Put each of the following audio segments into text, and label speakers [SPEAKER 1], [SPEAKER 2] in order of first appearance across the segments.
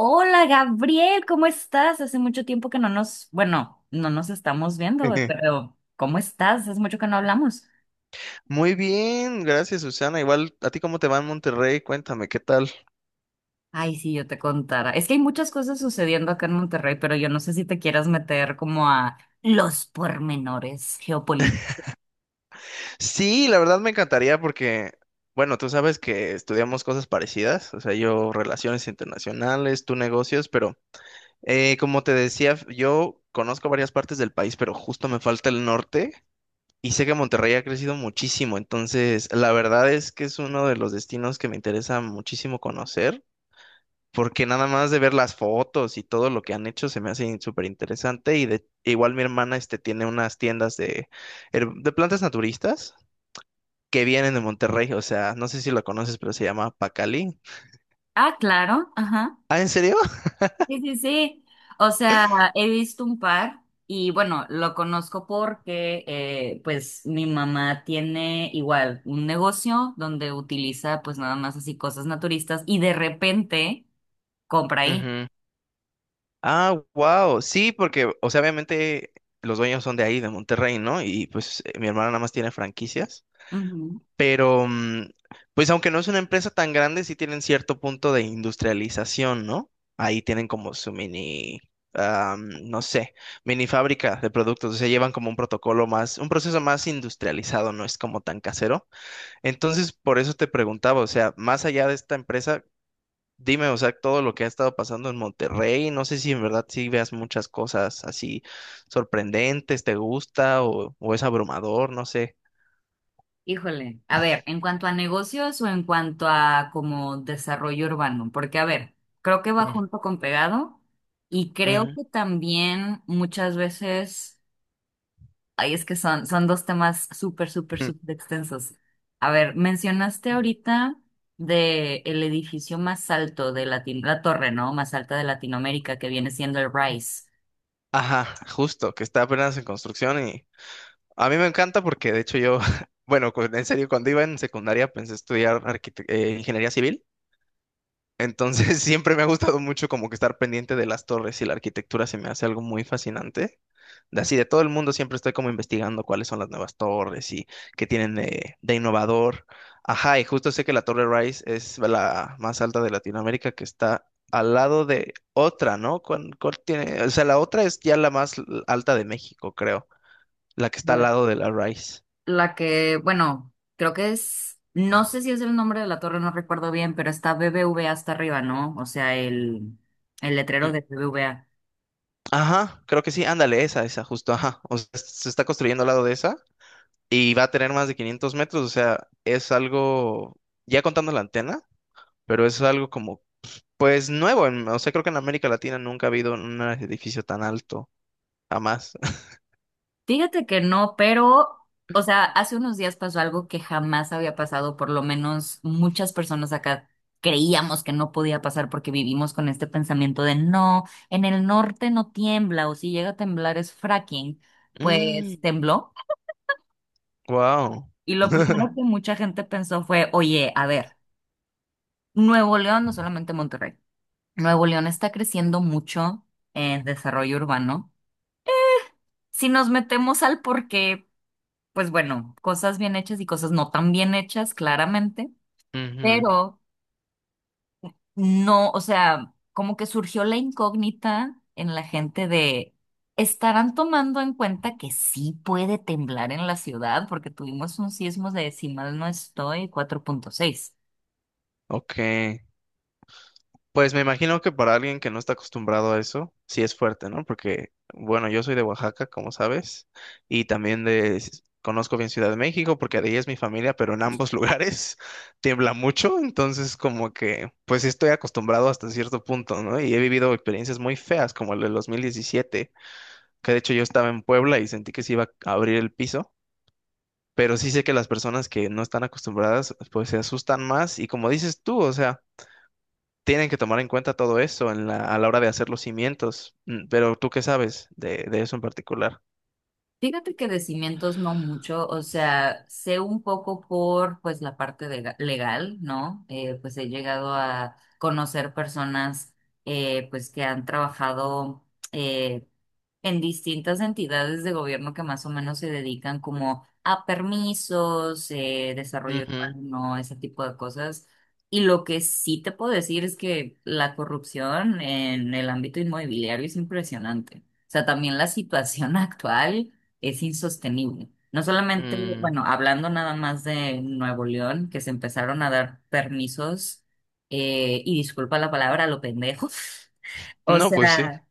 [SPEAKER 1] Hola Gabriel, ¿cómo estás? Hace mucho tiempo que no nos, bueno, no nos estamos viendo, güey, pero ¿cómo estás? Hace mucho que no hablamos.
[SPEAKER 2] Muy bien, gracias Susana. Igual, ¿a ti cómo te va en Monterrey? Cuéntame, ¿qué tal?
[SPEAKER 1] Ay, sí, yo te contara. Es que hay muchas cosas sucediendo acá en Monterrey, pero yo no sé si te quieras meter como a los pormenores geopolíticos.
[SPEAKER 2] Sí, la verdad me encantaría porque, bueno, tú sabes que estudiamos cosas parecidas, o sea, yo relaciones internacionales, tú negocios, pero como te decía, yo conozco varias partes del país, pero justo me falta el norte y sé que Monterrey ha crecido muchísimo, entonces la verdad es que es uno de los destinos que me interesa muchísimo conocer. Porque nada más de ver las fotos y todo lo que han hecho se me hace súper interesante y de igual mi hermana este tiene unas tiendas de, de plantas naturistas que vienen de Monterrey, o sea, no sé si lo conoces, pero se llama Pacali.
[SPEAKER 1] Ah, claro, ajá.
[SPEAKER 2] Ah, ¿en serio?
[SPEAKER 1] Sí, sí, sí. O sea, he visto un par y bueno, lo conozco porque pues mi mamá tiene igual un negocio donde utiliza pues nada más así cosas naturistas y de repente compra ahí.
[SPEAKER 2] Ujú. Ah, wow. Sí, porque, o sea, obviamente los dueños son de ahí, de Monterrey, ¿no? Y pues mi hermana nada más tiene franquicias.
[SPEAKER 1] Ujú.
[SPEAKER 2] Pero, pues aunque no es una empresa tan grande, sí tienen cierto punto de industrialización, ¿no? Ahí tienen como su mini, no sé, mini fábrica de productos. O sea, llevan como un protocolo más, un proceso más industrializado, no es como tan casero. Entonces, por eso te preguntaba, o sea, más allá de esta empresa, dime, o sea, todo lo que ha estado pasando en Monterrey. No sé si en verdad sí veas muchas cosas así sorprendentes, te gusta o es abrumador, no sé.
[SPEAKER 1] Híjole. A ver, en cuanto a negocios o en cuanto a como desarrollo urbano, porque a ver, creo que va
[SPEAKER 2] Mm.
[SPEAKER 1] junto con pegado y creo que también muchas veces ay, es que son, son dos temas súper, súper,
[SPEAKER 2] Ujú.
[SPEAKER 1] súper extensos. A ver, mencionaste ahorita de el edificio más alto de Latin, la torre, ¿no? Más alta de Latinoamérica, que viene siendo el Rice.
[SPEAKER 2] Ajá, justo, que está apenas en construcción y a mí me encanta porque de hecho yo, bueno, en serio, cuando iba en secundaria pensé estudiar ingeniería civil, entonces siempre me ha gustado mucho como que estar pendiente de las torres y la arquitectura se me hace algo muy fascinante. De así, de todo el mundo siempre estoy como investigando cuáles son las nuevas torres y qué tienen de innovador. Ajá, y justo sé que la Torre Rice es la más alta de Latinoamérica que está al lado de otra, ¿no? Cuál tiene? O sea, la otra es ya la más alta de México, creo, la que está al
[SPEAKER 1] La
[SPEAKER 2] lado de la Rice.
[SPEAKER 1] la que, bueno, creo que es, no sé si es el nombre de la torre, no recuerdo bien, pero está BBVA hasta arriba, ¿no? O sea, el letrero
[SPEAKER 2] Mm.
[SPEAKER 1] de BBVA.
[SPEAKER 2] Ajá, creo que sí, ándale, esa, justo, ajá. O sea, se está construyendo al lado de esa. Y va a tener más de 500 metros, o sea, es algo, ya contando la antena, pero es algo como, pues nuevo, o sea, creo que en América Latina nunca ha habido un edificio tan alto, jamás.
[SPEAKER 1] Fíjate que no, pero, o sea, hace unos días pasó algo que jamás había pasado, por lo menos muchas personas acá creíamos que no podía pasar porque vivimos con este pensamiento de no, en el norte no tiembla o si llega a temblar es fracking, pues tembló.
[SPEAKER 2] Wow.
[SPEAKER 1] Y lo primero que mucha gente pensó fue, oye, a ver, Nuevo León, no solamente Monterrey, Nuevo León está creciendo mucho en desarrollo urbano. Si nos metemos al porqué pues bueno, cosas bien hechas y cosas no tan bien hechas, claramente, pero no, o sea, como que surgió la incógnita en la gente de, ¿estarán tomando en cuenta que sí puede temblar en la ciudad? Porque tuvimos un sismo de, si mal no estoy, cuatro punto seis.
[SPEAKER 2] Ok. Pues me imagino que para alguien que no está acostumbrado a eso, sí es fuerte, ¿no? Porque, bueno, yo soy de Oaxaca, como sabes, y también de, conozco bien Ciudad de México, porque de ahí es mi familia, pero en ambos lugares tiembla mucho, entonces como que, pues sí estoy acostumbrado hasta cierto punto, ¿no? Y he vivido experiencias muy feas, como el del 2017, que de hecho yo estaba en Puebla y sentí que se iba a abrir el piso. Pero sí sé que las personas que no están acostumbradas, pues se asustan más y como dices tú, o sea, tienen que tomar en cuenta todo eso en a la hora de hacer los cimientos. Pero tú qué sabes de eso en particular.
[SPEAKER 1] Fíjate que de cimientos no mucho, o sea, sé un poco por pues la parte de- legal, ¿no? Pues he llegado a conocer personas pues que han trabajado eh, en distintas entidades de gobierno que más o menos se dedican como a permisos, desarrollo
[SPEAKER 2] Ujú.
[SPEAKER 1] urbano, ese tipo de cosas. Y lo que sí te puedo decir es que la corrupción en el ámbito inmobiliario es impresionante. O sea, también la situación actual es insostenible. No solamente,
[SPEAKER 2] mm,
[SPEAKER 1] bueno, hablando nada más de Nuevo León, que se empezaron a dar permisos, y disculpa la palabra, a lo pendejo. O
[SPEAKER 2] No, pues sí.
[SPEAKER 1] sea,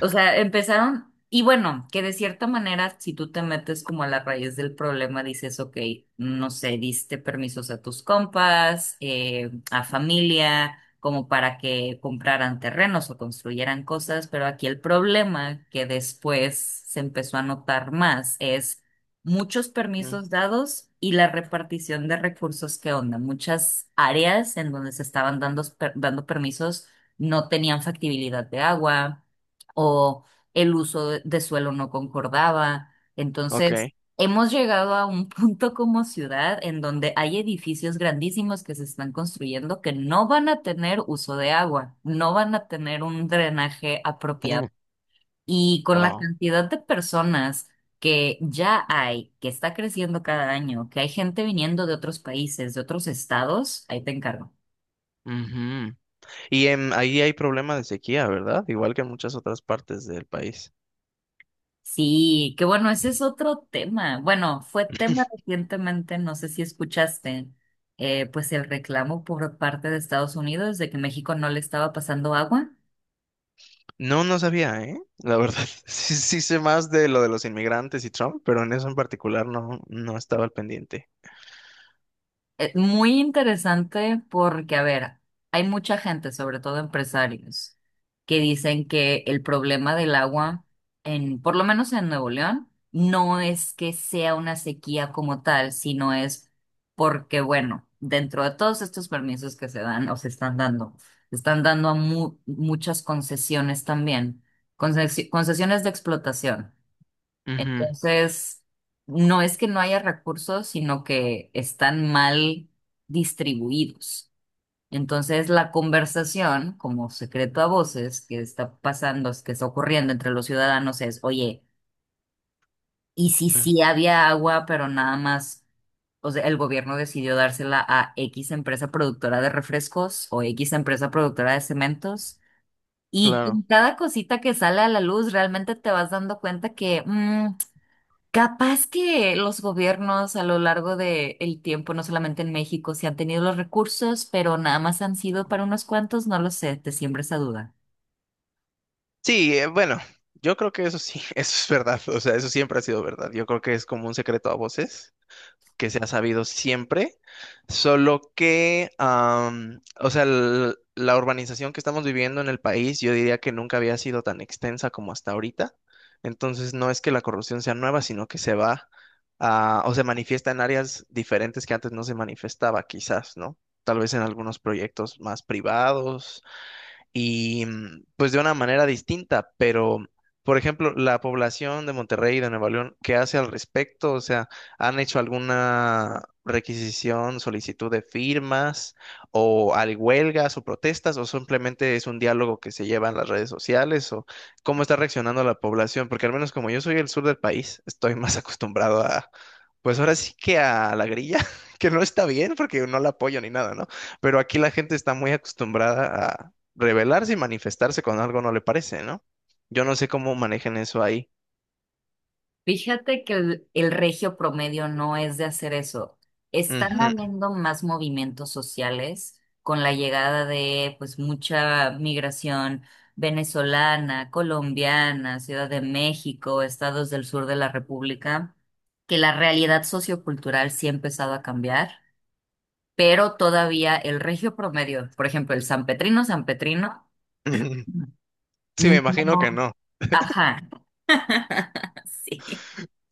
[SPEAKER 1] o sea, empezaron, y bueno, que de cierta manera, si tú te metes como a la raíz del problema, dices, ok, no sé, diste permisos a tus compas, a familia, como para que compraran terrenos o construyeran cosas, pero aquí el problema que después se empezó a notar más es muchos
[SPEAKER 2] mm,
[SPEAKER 1] permisos dados y la repartición de recursos que onda, muchas áreas en donde se estaban dando, dando permisos no tenían factibilidad de agua o el uso de suelo no concordaba.
[SPEAKER 2] Ok.
[SPEAKER 1] Entonces, hemos llegado a un punto como ciudad en donde hay edificios grandísimos que se están construyendo que no van a tener uso de agua, no van a tener un drenaje
[SPEAKER 2] mm,
[SPEAKER 1] apropiado. Y con la
[SPEAKER 2] Wow.
[SPEAKER 1] cantidad de personas que ya hay, que está creciendo cada año, que hay gente viniendo de otros países, de otros estados, ahí te encargo.
[SPEAKER 2] Ujú. Y ahí hay problema de sequía, ¿verdad? Igual que en muchas otras partes del país.
[SPEAKER 1] Sí, que bueno, ese es otro tema. Bueno, fue tema recientemente, no sé si escuchaste, pues el reclamo por parte de Estados Unidos de que México no le estaba pasando agua.
[SPEAKER 2] No, no sabía, ¿eh? La verdad, sí, sí sé más de lo de los inmigrantes y Trump, pero en eso en particular no, no estaba al pendiente.
[SPEAKER 1] Muy interesante porque, a ver, hay mucha gente, sobre todo empresarios, que dicen que el problema del agua, en, por lo menos en Nuevo León, no es que sea una sequía como tal, sino es porque, bueno, dentro de todos estos permisos que se dan o se están dando a muchas concesiones también, concesiones de explotación.
[SPEAKER 2] Ujú,
[SPEAKER 1] Entonces, no es que no haya recursos, sino que están mal distribuidos. Entonces, la conversación, como secreto a voces, que está pasando, que está ocurriendo entre los ciudadanos es, oye, ¿y si
[SPEAKER 2] ujú.
[SPEAKER 1] sí había agua, pero nada más, o sea, el gobierno decidió dársela a X empresa productora de refrescos o X empresa productora de cementos? Y con
[SPEAKER 2] Claro.
[SPEAKER 1] cada cosita que sale a la luz, realmente te vas dando cuenta que... capaz que los gobiernos a lo largo del tiempo, no solamente en México, se han tenido los recursos, pero nada más han sido para unos cuantos, no lo sé, te siembra esa duda.
[SPEAKER 2] Sí, bueno, yo creo que eso sí, eso es verdad, o sea, eso siempre ha sido verdad. Yo creo que es como un secreto a voces que se ha sabido siempre, solo que, o sea, la urbanización que estamos viviendo en el país, yo diría que nunca había sido tan extensa como hasta ahorita. Entonces, no es que la corrupción sea nueva, sino que se va o se manifiesta en áreas diferentes que antes no se manifestaba, quizás, ¿no? Tal vez en algunos proyectos más privados y pues de una manera distinta, pero por ejemplo, la población de Monterrey y de Nueva León, ¿qué hace al respecto? O sea, ¿han hecho alguna requisición, solicitud de firmas o hay huelgas o protestas o simplemente es un diálogo que se lleva en las redes sociales o cómo está reaccionando la población? Porque al menos como yo soy del sur del país, estoy más acostumbrado a, pues ahora sí que a la grilla, que no está bien porque no la apoyo ni nada, ¿no? Pero aquí la gente está muy acostumbrada rebelarse y manifestarse con algo no le parece, ¿no? Yo no sé cómo manejan eso ahí.
[SPEAKER 1] Fíjate que el regio promedio no es de hacer eso. Están
[SPEAKER 2] Ujú,
[SPEAKER 1] habiendo más movimientos sociales con la llegada de pues mucha migración venezolana, colombiana, Ciudad de México, estados del sur de la República, que la realidad sociocultural sí ha empezado a cambiar. Pero todavía el regio promedio, por ejemplo, el sanpetrino, sanpetrino,
[SPEAKER 2] ujú. Sí, me imagino que
[SPEAKER 1] no.
[SPEAKER 2] no.
[SPEAKER 1] Ajá, sí.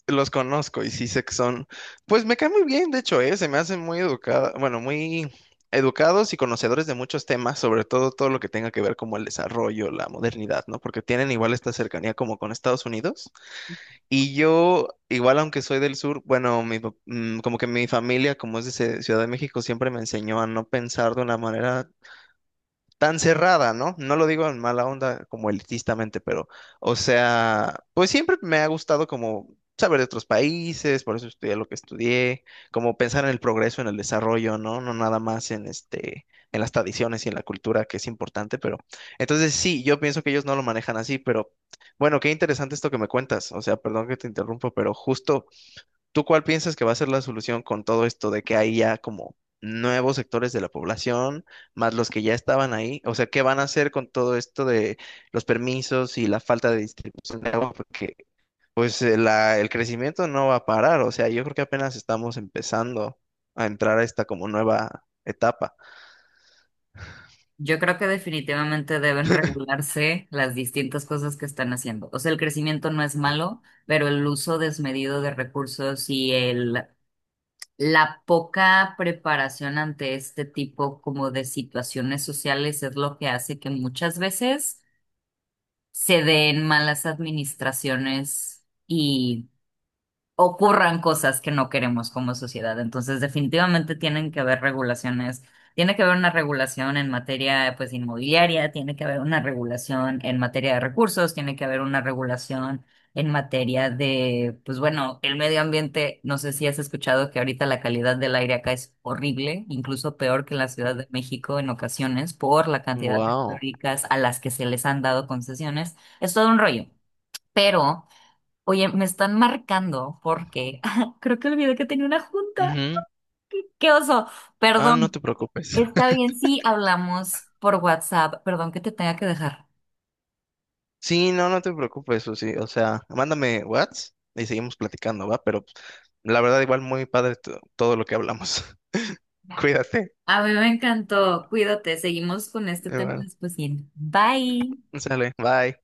[SPEAKER 2] Los conozco y sí sé que son, pues me cae muy bien, de hecho, ¿eh? Se me hacen muy educada, bueno, muy educados y conocedores de muchos temas, sobre todo todo lo que tenga que ver como el desarrollo, la modernidad, ¿no? Porque tienen igual esta cercanía como con Estados Unidos. Y yo, igual aunque soy del sur, bueno, mi, como que mi familia, como es de Ciudad de México, siempre me enseñó a no pensar de una manera tan cerrada, ¿no? No lo digo en mala onda como elitistamente, pero, o sea, pues siempre me ha gustado como saber de otros países, por eso estudié lo que estudié, como pensar en el progreso, en el desarrollo, ¿no? No nada más en este, en las tradiciones y en la cultura, que es importante, pero entonces sí, yo pienso que ellos no lo manejan así, pero bueno, qué interesante esto que me cuentas, o sea, perdón que te interrumpo, pero justo ¿tú cuál piensas que va a ser la solución con todo esto de que hay ya como nuevos sectores de la población, más los que ya estaban ahí? O sea, ¿qué van a hacer con todo esto de los permisos y la falta de distribución de agua? Porque pues el crecimiento no va a parar. O sea, yo creo que apenas estamos empezando a entrar a esta como nueva etapa.
[SPEAKER 1] Yo creo que definitivamente deben regularse las distintas cosas que están haciendo. O sea, el crecimiento no es malo, pero el uso desmedido de recursos y el, la poca preparación ante este tipo como de situaciones sociales es lo que hace que muchas veces se den malas administraciones ocurran cosas que no queremos como sociedad. Entonces, definitivamente tienen que haber regulaciones. Tiene que haber una regulación en materia, pues, inmobiliaria, tiene que haber una regulación en materia de recursos, tiene que haber una regulación en materia de, pues, bueno, el medio ambiente. No sé si has escuchado que ahorita la calidad del aire acá es horrible, incluso peor que en la Ciudad de México en ocasiones por la cantidad de
[SPEAKER 2] Wow.
[SPEAKER 1] fábricas a las que se les han dado concesiones. Es todo un rollo, pero oye, me están marcando porque creo que olvidé que tenía una junta. ¡Qué, qué oso!
[SPEAKER 2] Ah, no
[SPEAKER 1] Perdón.
[SPEAKER 2] te preocupes.
[SPEAKER 1] Está bien, sí, hablamos por WhatsApp. Perdón que te tenga que dejar.
[SPEAKER 2] Sí, no, no te preocupes, Susi. O sea, mándame WhatsApp y seguimos platicando, ¿va? Pero la verdad, igual muy padre todo lo que hablamos. Cuídate.
[SPEAKER 1] A mí me encantó. Cuídate. Seguimos con este tema
[SPEAKER 2] Iván.
[SPEAKER 1] después. Bye.
[SPEAKER 2] Sale, bye.